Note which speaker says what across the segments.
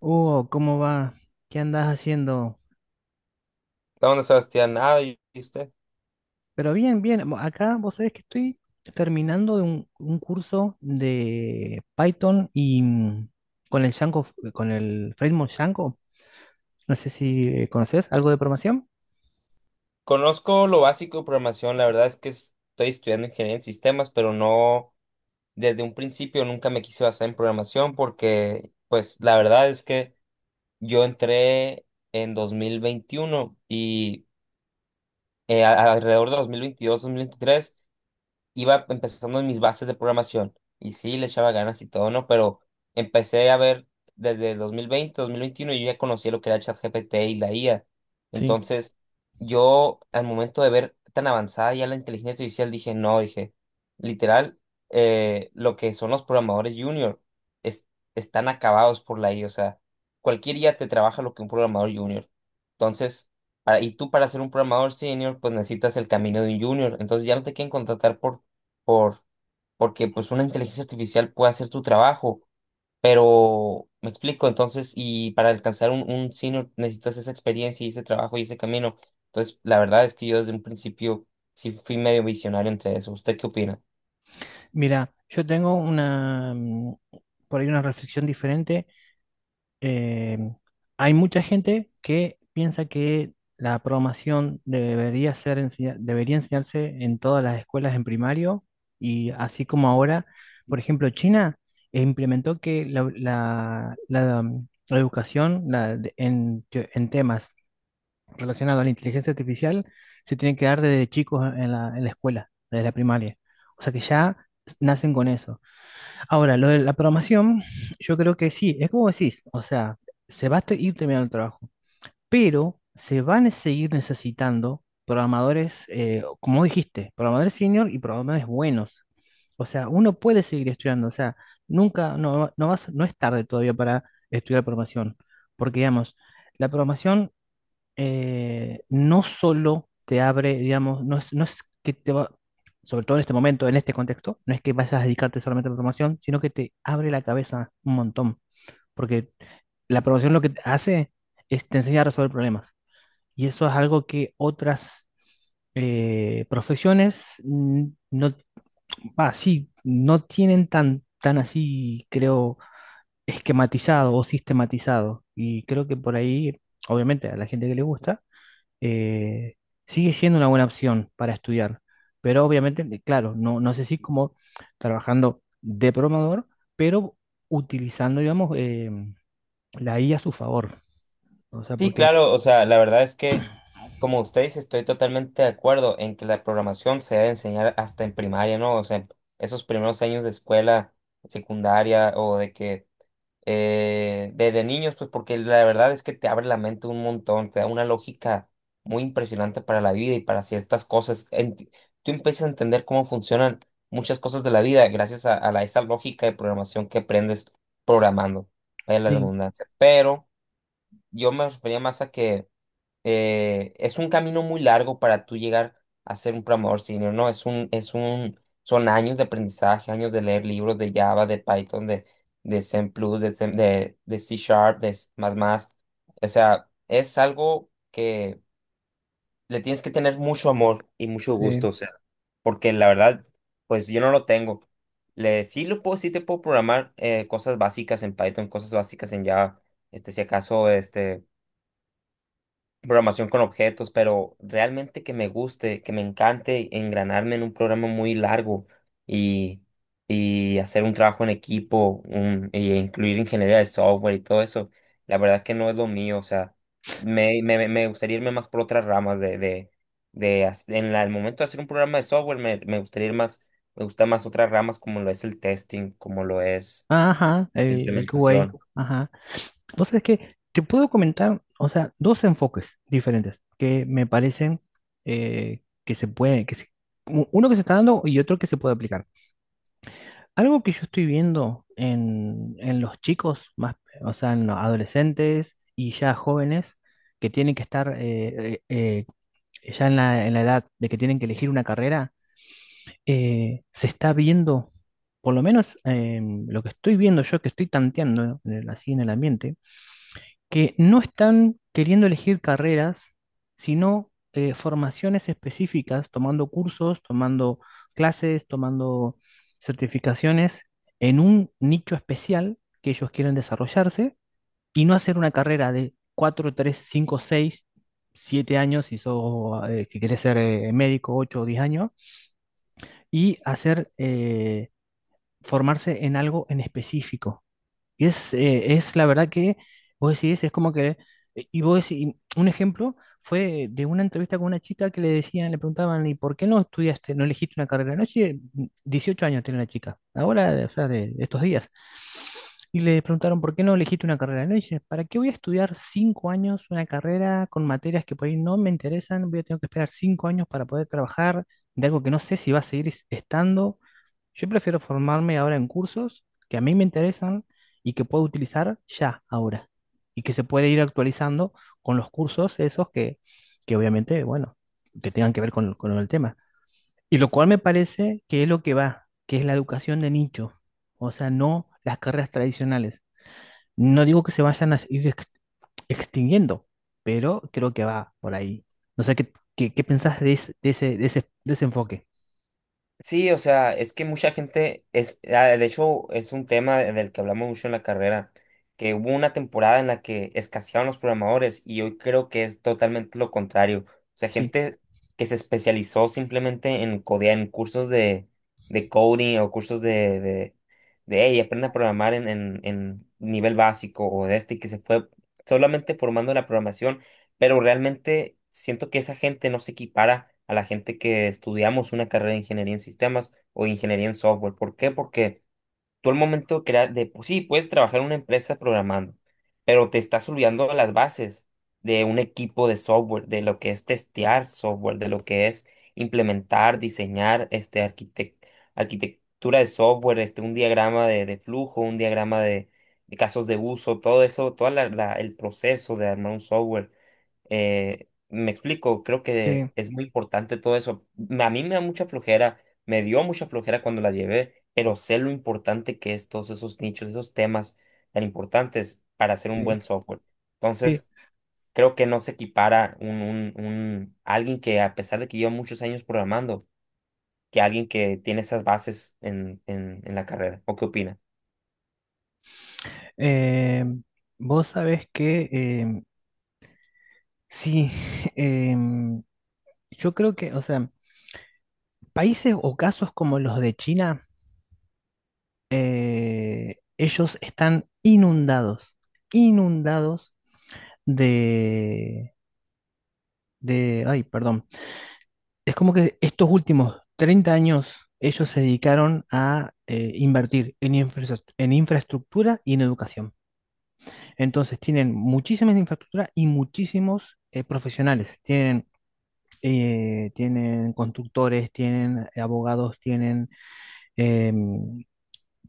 Speaker 1: Hugo, ¿cómo va? ¿Qué andas haciendo?
Speaker 2: La onda, Sebastián, nada, ¿y usted?
Speaker 1: Pero bien, bien. Acá vos sabés que estoy terminando de un curso de Python y con el Django, con el framework Django. No sé si conoces algo de programación.
Speaker 2: Conozco lo básico de programación, la verdad es que estoy estudiando ingeniería en sistemas, pero no, desde un principio nunca me quise basar en programación porque, pues, la verdad es que yo entré en 2021 y alrededor de 2022-2023 iba empezando en mis bases de programación y sí, le echaba ganas y todo, ¿no? Pero empecé a ver desde el 2020, 2021, yo ya conocía lo que era ChatGPT y la IA.
Speaker 1: Sí.
Speaker 2: Entonces, yo al momento de ver tan avanzada ya la inteligencia artificial, dije, no, dije, literal, lo que son los programadores junior es- están acabados por la IA. O sea, cualquier IA te trabaja lo que un programador junior. Entonces, y tú para ser un programador senior, pues necesitas el camino de un junior. Entonces ya no te quieren contratar por, porque pues una inteligencia artificial puede hacer tu trabajo, pero me explico, entonces, y para alcanzar un senior necesitas esa experiencia y ese trabajo y ese camino. Entonces, la verdad es que yo desde un principio sí fui medio visionario entre eso. ¿Usted qué opina?
Speaker 1: Mira, yo tengo una, por ahí una reflexión diferente. Eh, hay mucha gente que piensa que la programación debería enseñarse en todas las escuelas en primario y así como ahora, por ejemplo, China implementó que la educación la de- en, te- en temas relacionados a la inteligencia artificial se tiene que dar desde chicos en en la escuela, desde la primaria. O sea que ya nacen con eso. Ahora, lo de la programación, yo creo que sí, es como decís, o sea, se va a ir terminando el trabajo, pero se van a seguir necesitando programadores, como dijiste, programadores senior y programadores buenos. O sea, uno puede seguir estudiando, o sea, nunca, no, no vas, no es tarde todavía para estudiar programación, porque digamos, la programación no solo te abre, digamos, no es, no es que te va, sobre todo en este momento, en este contexto, no es que vayas a dedicarte solamente a la programación, sino que te abre la cabeza un montón, porque la programación lo que te hace es te enseña a resolver problemas, y eso es algo que otras profesiones no, ah, sí, no tienen tan, tan así, creo, esquematizado o sistematizado, y creo que por ahí, obviamente, a la gente que le gusta, eh, sigue siendo una buena opción para estudiar, pero obviamente, claro, no, no sé si como trabajando de programador, pero utilizando, digamos, la IA a su favor. O sea,
Speaker 2: Sí,
Speaker 1: porque
Speaker 2: claro, o sea, la verdad es que, como usted dice, estoy totalmente de acuerdo en que la programación se debe enseñar hasta en primaria, ¿no? O sea, esos primeros años de escuela secundaria o de que desde niños, pues porque la verdad es que te abre la mente un montón, te da una lógica muy impresionante para la vida y para ciertas cosas. Tú empiezas a entender cómo funcionan muchas cosas de la vida gracias a esa lógica de programación que aprendes programando, vaya la
Speaker 1: sí,
Speaker 2: redundancia. Pero yo me refería más a que es un camino muy largo para tú llegar a ser un programador senior, ¿no? Son años de aprendizaje, años de leer libros de Java, de Python, de Zen Plus, de C Sharp, más más. O sea, es algo que le tienes que tener mucho amor y mucho
Speaker 1: sí.
Speaker 2: gusto, o sea, porque la verdad, pues yo no lo tengo. Sí lo puedo, sí te puedo programar cosas básicas en Python, cosas básicas en Java, este, si acaso, este programación con objetos, pero realmente que me guste, que me encante engranarme en un programa muy largo y, y hacer un trabajo en equipo, y incluir ingeniería de software y todo eso, la verdad que no es lo mío, o sea, me gustaría irme más por otras ramas de el momento de hacer un programa de software, me gustaría ir más, me gusta más otras ramas como lo es el testing, como lo es
Speaker 1: Ajá,
Speaker 2: la
Speaker 1: el QA,
Speaker 2: implementación.
Speaker 1: ajá. Entonces, es que te puedo comentar, o sea, dos enfoques diferentes que me parecen que se pueden, uno que se está dando y otro que se puede aplicar. Algo que yo estoy viendo en los chicos, más, o sea, en los adolescentes y ya jóvenes que tienen que estar ya en la edad de que tienen que elegir una carrera, se está viendo, por lo menos lo que estoy viendo yo, que estoy tanteando así en el ambiente, que no están queriendo elegir carreras, sino formaciones específicas, tomando cursos, tomando clases, tomando certificaciones en un nicho especial que ellos quieren desarrollarse y no hacer una carrera de 4, 3, 5, 6, 7 años, si, sos, si querés ser médico, 8 o 10 años, y hacer, formarse en algo en específico. Y es la verdad que vos decís, es como que, y vos decís, un ejemplo fue de una entrevista con una chica que le decían, le preguntaban, ¿y por qué no estudiaste, no elegiste una carrera? No, sí, 18 años tiene la chica, ahora, o sea, de estos días. Y le preguntaron, ¿por qué no elegiste una carrera? No, dice, ¿para qué voy a estudiar cinco años una carrera con materias que por ahí no me interesan? Voy a tener que esperar cinco años para poder trabajar de algo que no sé si va a estando. Yo prefiero formarme ahora en cursos que a mí me interesan y que puedo utilizar ya, ahora, y que se puede ir actualizando con los cursos esos que obviamente, bueno, que tengan que ver con el tema. Y lo cual me parece que es lo que va, que es la educación de nicho, o sea, no las carreras tradicionales. No digo que se vayan a extinguiendo, pero creo que va por ahí. No sé qué, qué, qué pensás de, ese, de ese, de ese enfoque.
Speaker 2: Sí, o sea, es que mucha gente es, ah, de hecho, es un tema del que hablamos mucho en la carrera, que hubo una temporada en la que escaseaban los programadores y hoy creo que es totalmente lo contrario. O sea,
Speaker 1: Sí,
Speaker 2: gente que se especializó simplemente en codear, en cursos de coding o cursos de, hey, aprende a programar en nivel básico o de este, y que se fue solamente formando la programación pero realmente siento que esa gente no se equipara a la gente que estudiamos una carrera de ingeniería en sistemas o ingeniería en software. ¿Por qué? Porque tú al momento de crear, de, pues sí, puedes trabajar en una empresa programando, pero te estás olvidando de las bases de un equipo de software, de lo que es testear software, de lo que es implementar, diseñar, este, arquitectura de software, este, un diagrama de flujo, un diagrama de casos de uso, todo eso, todo el proceso de armar un software. Me explico, creo que
Speaker 1: sí,
Speaker 2: es muy importante todo eso. A mí me da mucha flojera me dio mucha flojera cuando la llevé, pero sé lo importante que es todos esos nichos, esos temas tan importantes para hacer un
Speaker 1: sí,
Speaker 2: buen software.
Speaker 1: sí.
Speaker 2: Entonces, creo que no se equipara alguien que, a pesar de que lleva muchos años programando, que alguien que tiene esas bases en la carrera. ¿O qué opina?
Speaker 1: Eh, vos sabés que sí, em, yo creo que, o sea, países o casos como los de China, ellos están inundados, inundados de, de, ay, perdón, es como que estos últimos 30 años ellos se dedicaron a invertir en infraestructura y en educación. Entonces tienen muchísimas infraestructura y muchísimos profesionales. Tienen tienen constructores, tienen abogados, tienen em,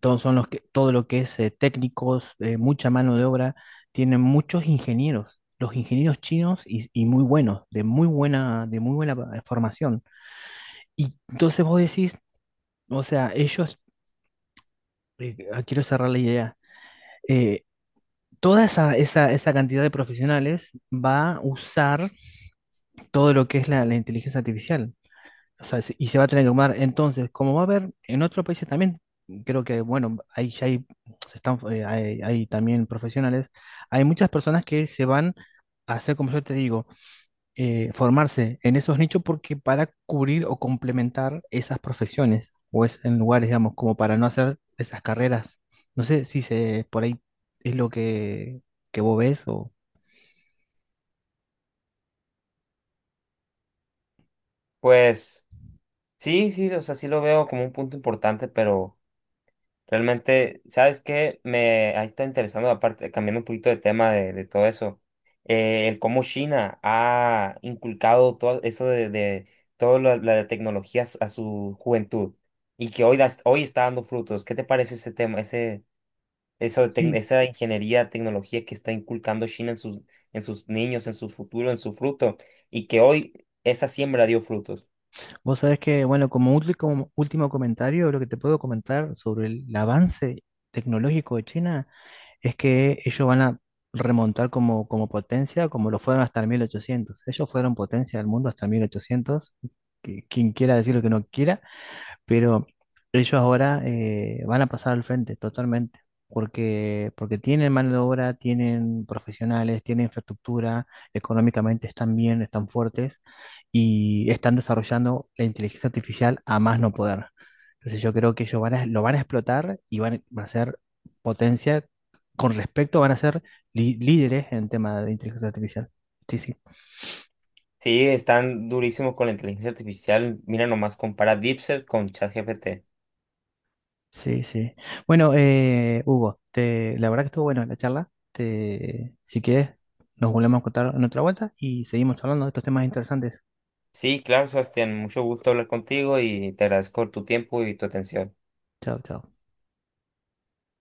Speaker 1: todos son los que, todo lo que es técnicos, mucha mano de obra, tienen muchos ingenieros, los ingenieros chinos y muy buenos, de muy buena formación. Y entonces vos decís, o sea, ellos, quiero cerrar la idea, eh, toda esa, esa, esa cantidad de profesionales va a usar todo lo que es la inteligencia artificial. O sea, y se va a tener que tomar. Entonces, como va a haber en otros países también, creo que, bueno, ahí ya hay, se están, hay, hay también profesionales, hay muchas personas que se van a hacer, como yo te digo, formarse en esos nichos porque para cubrir o complementar esas profesiones o es en lugares, digamos, como para no hacer esas carreras. No sé si se, por ahí es lo que vos ves o...
Speaker 2: Pues sí, sí, o sea, sí lo veo como un punto importante, pero realmente, ¿sabes qué? Me ha estado interesando, aparte, cambiando un poquito de tema de todo eso, el cómo China ha inculcado todo eso de toda la, la tecnología a su juventud y que hoy, hoy está dando frutos. ¿Qué te parece ese tema, ese, eso
Speaker 1: Sí.
Speaker 2: esa ingeniería, tecnología que está inculcando China en sus niños, en su futuro, en su fruto y que hoy esa siembra dio frutos?
Speaker 1: Vos sabés que, bueno, como último, último comentario, lo que te puedo comentar sobre el avance tecnológico de China es que ellos van a remontar como, como potencia, como lo fueron hasta el 1800. Ellos fueron potencia del mundo hasta el 1800, quien quiera decir lo que no quiera, pero ellos ahora van a pasar al frente totalmente, porque, porque tienen mano de obra, tienen profesionales, tienen infraestructura, económicamente están bien, están fuertes y están desarrollando la inteligencia artificial a más no poder. Entonces yo creo que ellos lo van a explotar y van, van a ser potencia con respecto, van a ser líderes en tema de inteligencia artificial. Sí, sí.
Speaker 2: Sí, están durísimos con la inteligencia artificial. Mira nomás, compara DeepSeek con ChatGPT.
Speaker 1: Sí, sí. Bueno, Hugo, te, la verdad que estuvo bueno la charla. Te, si quieres, nos volvemos a contar en otra vuelta y seguimos hablando de estos temas interesantes.
Speaker 2: Sí, claro, Sebastián, mucho gusto hablar contigo y te agradezco tu tiempo y tu atención.
Speaker 1: Chao, chao.